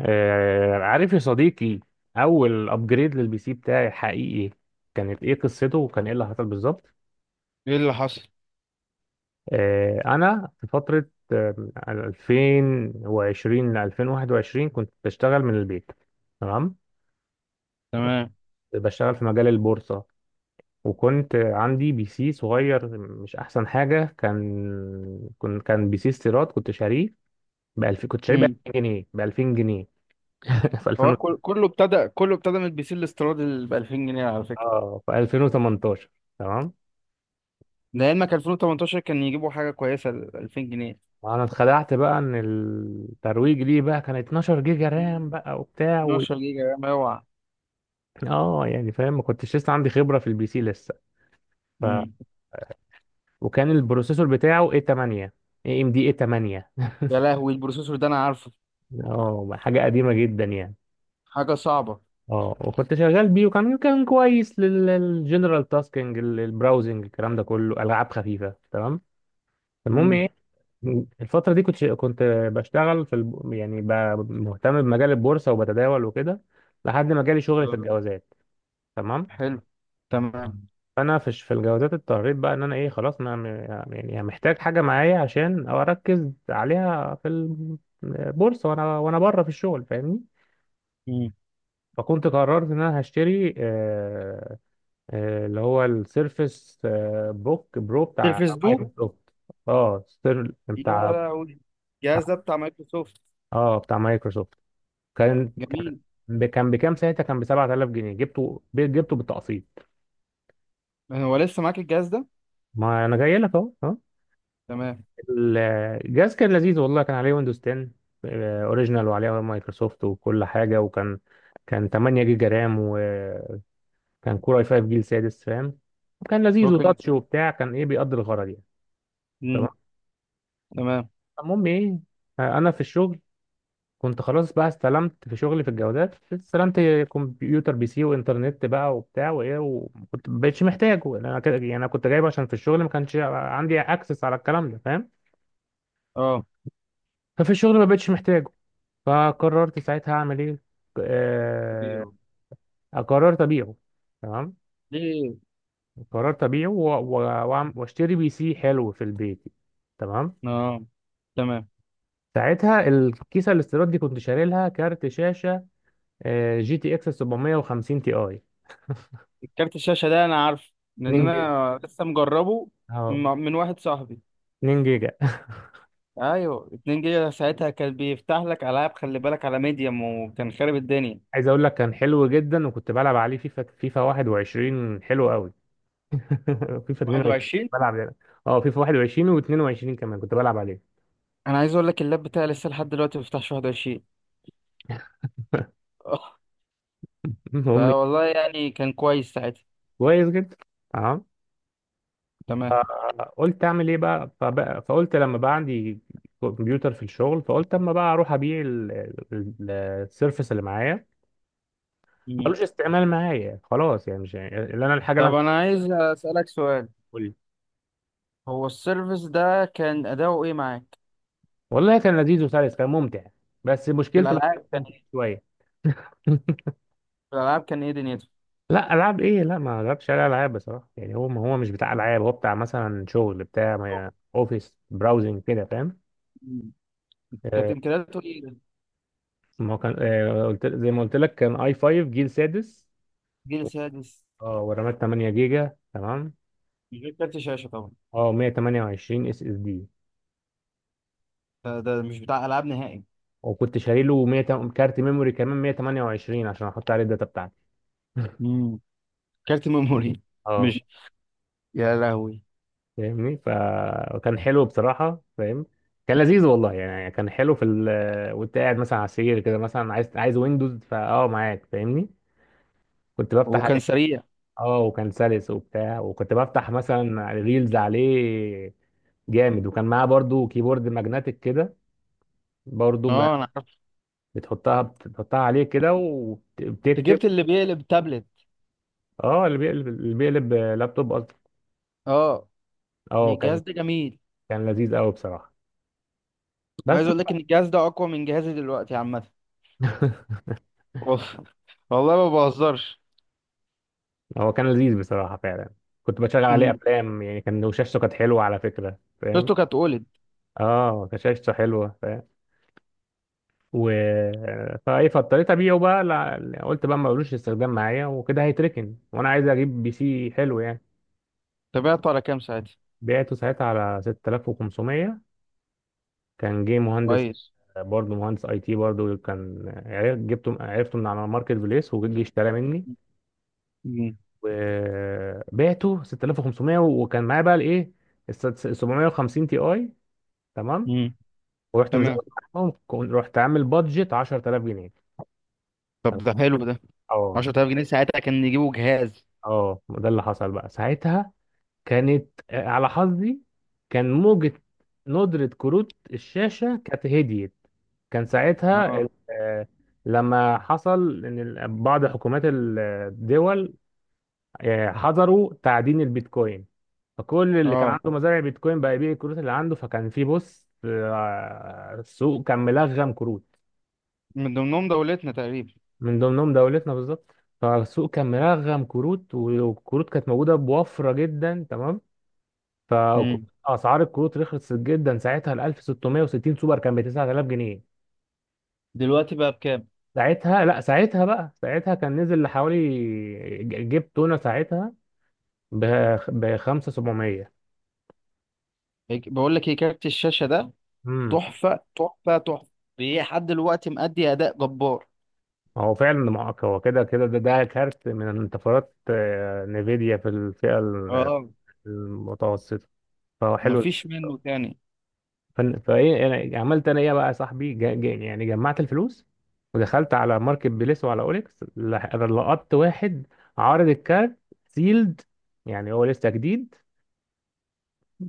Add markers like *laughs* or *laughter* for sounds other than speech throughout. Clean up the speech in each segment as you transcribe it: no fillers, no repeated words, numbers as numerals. عارف يا صديقي، اول ابجريد للبي سي بتاعي، حقيقي كانت ايه قصته وكان ايه اللي حصل بالظبط؟ ايه اللي حصل؟ انا في فتره آه، 2020 ل 2021 كنت بشتغل من البيت. تمام. تمام. بشتغل في مجال البورصه. وكنت عندي بي سي صغير مش احسن حاجه، كان بي سي استيراد كنت شاريه ب 2000، كنت شاريه ب امم. 2000 جنيه، ب 2000 جنيه. *laughs* في هو 2000، كله ابتدى من البي سي الاستيراد اللي ب 2000 جنيه على فكره. اه في 2018. تمام. لعلمك 2018 كان يجيبوا حاجه كويسه ل 2000 جنيه. انا اتخدعت بقى ان الترويج ليه بقى كان 12 جيجا رام بقى وبتاع و... 12 جيجا رام اوعى. اه يعني فاهم، ما كنتش لسه عندي خبره في البي سي لسه. ف... امم. وكان البروسيسور بتاعه اي 8، اي ام دي اي 8. يا لهوي البروسيسور ده انا عارفه. اه حاجه قديمه جدا يعني. حاجه صعبه. اه وكنت شغال بيه، وكان كويس للجنرال تاسكينج، البراوزنج، الكلام ده كله، العاب خفيفه. تمام. المهم امم. ايه، الفتره دي كنت يعني مهتم بمجال البورصه وبتداول وكده، لحد ما جالي شغل في الجوازات. تمام. حلو. تمام. فانا في في الجوازات اضطريت بقى ان انا ايه خلاص انا يعني محتاج حاجه معايا عشان اركز عليها في البورصه، وانا بره في الشغل، فاهمني. امم. فكنت قررت ان انا هشتري اللي هو السيرفس بوك برو بتاع تلفز دو. مايكروسوفت. اه سير- يا بتاع لهوي الجهاز ده بتاع- بتاع مايكروسوفت. اه بتاع مايكروسوفت. كان جميل. كان بكام ساعتها، كان ب 7000 جنيه، جبته بالتقسيط. هو لسه معاك الجهاز ده؟ ما انا جاي لك اهو. تمام. الجهاز كان لذيذ، والله كان عليه ويندوز 10. اوريجينال، وعليه مايكروسوفت وكل حاجه. وكان 8 جيجا رام، وكان كور اي 5 جيل سادس، فاهم. وكان لذيذ هو كان. وتاتش وبتاع، كان ايه بيقضي الغرض يعني. امم. تمام. تمام. المهم ايه، انا في الشغل كنت خلاص بقى استلمت. في شغلي في الجوازات استلمت كمبيوتر بي سي وانترنت بقى وبتاع وايه، وكنت ما بقتش محتاجه، لأن انا كده يعني انا كنت جايبه عشان في الشغل ما كانش عندي اكسس على الكلام ده، فاهم. اه. ففي الشغل ما بقتش محتاجه، فقررت ساعتها اعمل ايه. آه، ليه؟ قررت ابيعه. تمام. قررت ابيعه واشتري بي سي حلو في البيت. تمام. اه. تمام. ساعتها الكيسه الاستيراد دي كنت شاري لها كارت شاشه، جي تي اكس 750 تي اي كارت الشاشة ده أنا عارف 2 لأن جيجا. أنا لسه مجربه م- اه من واحد صاحبي. 2 جيجا. *laughs* أيوه 2 جيجا ساعتها كان بيفتح لك ألعاب، خلي بالك على ميديم، وكان خارب الدنيا. عايز اقول لك كان حلو جدا، وكنت بلعب عليه فيفا 21 حلو قوي. *laughs* فيفا 22 21. بلعب يعني. اه فيفا 21 و22 كمان كنت بلعب عليه. أنا عايز أقول لك اللاب بتاعي لسه لحد دلوقتي ما بيفتحش 21. *laughs* آه. المهم فوالله يعني كان كويس ساعتها. كويس جدا. اه تمام. فقلت اعمل ايه بقى، فقلت لما بقى عندي كمبيوتر في الشغل، فقلت اما بقى اروح ابيع السيرفس اللي معايا، مم. ملوش استعمال معايا خلاص يعني مش يعني اللي انا الحاجه اللي طب انا أنا عايز أسألك سؤال. بقول. هو السيرفيس ده كان أداؤه إيه معاك؟ والله كان لذيذ وسلس، كان ممتع، بس في مشكلته الوحيده الألعاب كان كنت إيه؟ شويه. *laughs* في الألعاب كان إيه دنيته؟ لا العاب ايه، لا ما جربتش عليه العاب بصراحه، يعني هو هو مش بتاع العاب، هو بتاع مثلا شغل بتاع اوفيس، براوزنج كده، فاهم. مم. كانت آه، إمكانياته إيه؟ ما هو كان قلت زي ما قلت لك كان اي 5 جيل سادس. جيل سادس. اه ورامات 8 جيجا. تمام. من غير كارت شاشة طبعا. اه 128 اس اس دي. ده مش بتاع العاب نهائي. وكنت شاري له 100، كارت ميموري كمان 128 عشان احط عليه الداتا بتاعتي. *laughs* امم. كارت ميموري. اه مش. يا لهوي. فاهمني، فكان حلو بصراحة، فاهم. كان لذيذ والله يعني كان حلو في وانت قاعد مثلا على السرير كده، مثلا عايز ويندوز فاه معاك، فاهمني. كنت بفتح وكان عليه. سريع. اه وكان سلس وبتاع، وكنت بفتح مثلا ريلز عليه، جامد. وكان معاه برضو كيبورد ماجنتيك كده، برضو ما اه انا عارف. بتحطها عليه كده انت وبتكتب. جبت اللي بيقلب تابلت. اه اللي بيقلب لابتوب قصدي. اه. هي اه الجهاز كان ده جميل. كان لذيذ قوي بصراحة، عايز بس. اقول لك ان الجهاز ده اقوى من جهازي دلوقتي عامه. *laughs* اوف. والله ما بهزرش. هو كان لذيذ بصراحة فعلا. كنت بشغل عليه امم. أفلام يعني، كان وشاشته كانت حلوة على فكرة، فاهم. شفته كانت اولد. اه كان شاشته حلوة، فاهم. و فايه فاضطريت ابيعه بقى لا... قلت بقى ما لوش استخدام معايا وكده هيتركن، وانا عايز اجيب بي سي حلو يعني. تابعته على كام ساعتها؟ بعته ساعتها على 6500. كان جه مهندس، كويس. برضه مهندس اي تي، برضه كان عرف- جبته عرفته من على ماركت بليس وجي اشترى مني. امم. وبعته 6500، وكان معايا بقى الايه ال 750 تي اي. تمام. امم. ورحت تمام. مزود معاهم، رحت عامل بادجت 10000 جنيه. طب تمام. ده حلو ده. اه 10000 جنيه ساعتها كان يجيبوا جهاز. اه ده اللي حصل بقى ساعتها. كانت على حظي كان موجة ندرة كروت الشاشة كانت هديت. كان ساعتها اه. لما حصل إن بعض حكومات الدول حظروا تعدين البيتكوين، فكل اللي كان اه. عنده مزارع بيتكوين بقى يبيع الكروت اللي عنده، فكان في بص السوق كان ملغم كروت. من ضمنهم دولتنا تقريبا. من ضمنهم دولتنا بالظبط، فالسوق كان ملغم كروت، والكروت كانت موجودة بوفرة جدا. تمام. امم. فاسعار الكروت رخصت جدا. ساعتها ال 1660 سوبر كان ب 9000 جنيه. دلوقتي بقى بكام؟ ساعتها لا، ساعتها بقى ساعتها كان نزل لحوالي جيب تونه ساعتها، ب 5700. بقول لك ايه كارت الشاشه ده. امم تحفه تحفه تحفه. لحد دلوقتي مأدي اداء جبار. هو فعلا معاك، هو كده كده، ده كارت من انتفاضات نفيديا في الفئه اه. المتوسطه، فهو حلو. مفيش منه تاني. فايه انا عملت انا ايه بقى يا صاحبي، جا يعني جمعت الفلوس، ودخلت على ماركت بليس وعلى اوليكس، لقطت واحد عارض الكارت سيلد، يعني هو لسه جديد،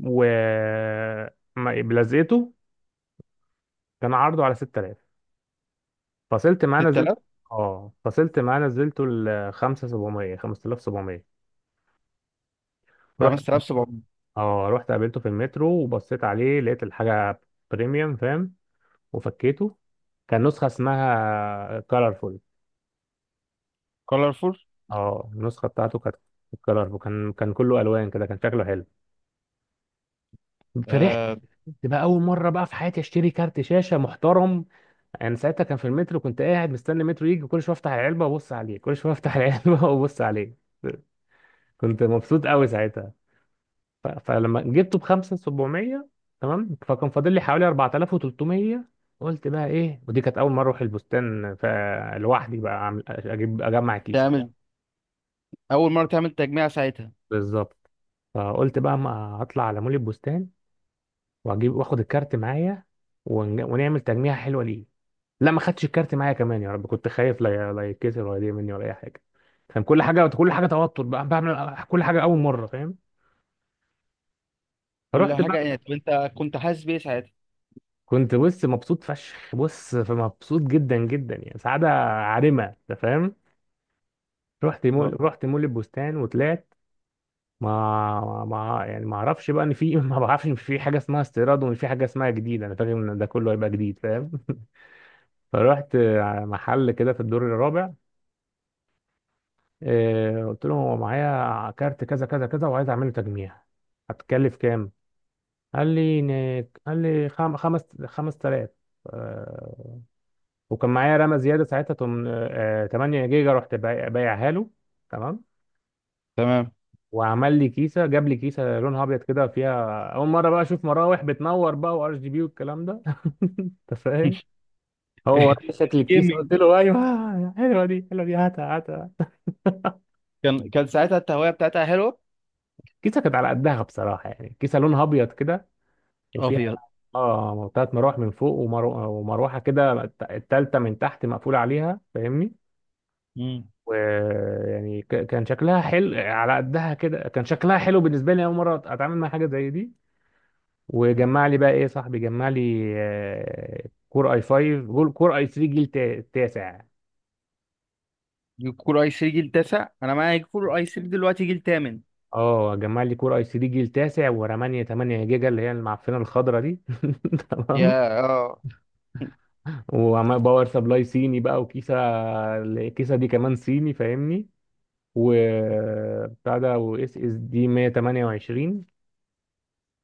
و بلزقته. كان عرضه على 6000، فصلت معاه نزلت. 6000. اه فصلت معاه نزلته ل 5700، 5700. رحت. 5700. اه رحت قابلته في المترو وبصيت عليه، لقيت الحاجه بريميوم فاهم. وفكيته، كان نسخه اسمها كولرفول. كولرفول. اه النسخه بتاعته كانت الكلر كان كله الوان كده، كان شكله حلو. فرحت آه. تبقى اول مره بقى في حياتي اشتري كارت شاشه محترم. انا ساعتها كان في المترو، كنت قاعد مستني المترو يجي، كل شويه افتح العلبه وابص عليه، كل شويه افتح *laughs* العلبه وابص عليه. كنت مبسوط قوي ساعتها. فلما جبته ب 5700. تمام. فكان فاضل لي حوالي 4300. قلت بقى ايه، ودي كانت اول مره اروح البستان فلوحدي بقى أعمل- اجيب اجمع كيسه. تعمل. اول مره تعمل تجميع ساعتها. بالظبط. فقلت بقى ما اطلع على مول البستان واجيب واخد الكارت معايا ونعمل تجميعة حلوة ليه. لا ما خدتش الكارت معايا كمان، يا رب كنت خايف لا لا يتكسر ولا يضيع مني ولا اي حاجة. كان كل حاجة كل حاجة توتر بقى، بعمل كل حاجة أول مرة، فاهم. كل فرحت حاجه يعني بقى. طب انت كنت حاسس بايه ساعتها؟ كنت بص مبسوط فشخ، بص مبسوط جدا جدا يعني، سعادة عارمة، أنت فاهم. اه. رحت مول البستان وطلعت. ما ما يعني ما اعرفش بقى ان في *laughs* ما بعرفش ان في حاجه اسمها استيراد، وان في حاجه اسمها جديد، انا فاكر ان ده كله هيبقى جديد، فاهم. *laughs* فرحت محل كده في الدور الرابع. قلت لهم هو معايا كارت كذا كذا كذا وعايز اعمله تجميع، هتكلف كام؟ قال لي قال لي خمس 5000. آه، وكان معايا رامه زياده ساعتها 8 جيجا، رحت بايعها له. تمام. تمام. وعمل لي كيسه، جاب لي كيسه لونها ابيض كده، فيها اول مره بقى اشوف مراوح بتنور بقى، وار جي بي والكلام ده. *laughs* انت فاهم. *laughs* هو وراني شكل الكيسه، الجيمنج. قلت له ايوه حلوه دي حلوه دي، هاتها هاتها. كان ساعتها التهويه بتاعتها حلوه. الكيسه كانت على قدها بصراحه يعني، كيسه لونها ابيض كده، وفيها ابيض. اه ثلاث مراوح من فوق، ومروحه كده التالتة من تحت مقفولة عليها، فاهمني. مم. ويعني كان شكلها حلو على قدها كده، كان شكلها حلو بالنسبة لي، أول مرة أتعامل مع حاجة زي دي. وجمع لي بقى إيه صاحبي، جمع لي كور اي 3 جيل تاسع. جيل كور اي 3 جيل تاسع، انا معايا جيل كور اي 3 دلوقتي جيل تامن. اه جمع لي كور اي 3 جيل تاسع، ورمانية 8 جيجا اللي هي المعفنة الخضرا دي. *laughs* تمام. يا اه. وباور سبلاي صيني بقى، وكيسة، الكيسة دي كمان صيني، فاهمني. وبتاع ده، واس اس دي 128.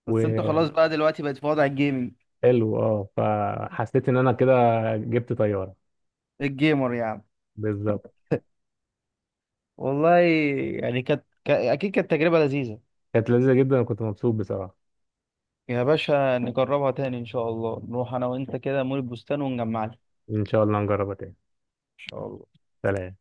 بس انت مم. خلاص بقى دلوقتي بقت في وضع الجيمنج. وحلو. اه فحسيت ان انا كده جبت طياره. الجيمر يعني. بالظبط، والله. يعني كانت اكيد كانت تجربة لذيذة. كانت لذيذه جدا وكنت مبسوط بصراحه. يا باشا نجربها تاني ان شاء الله، نروح انا وانت كده مول البستان ونجمعها ان ان شاء الله نجربها تاني. شاء الله. سلام.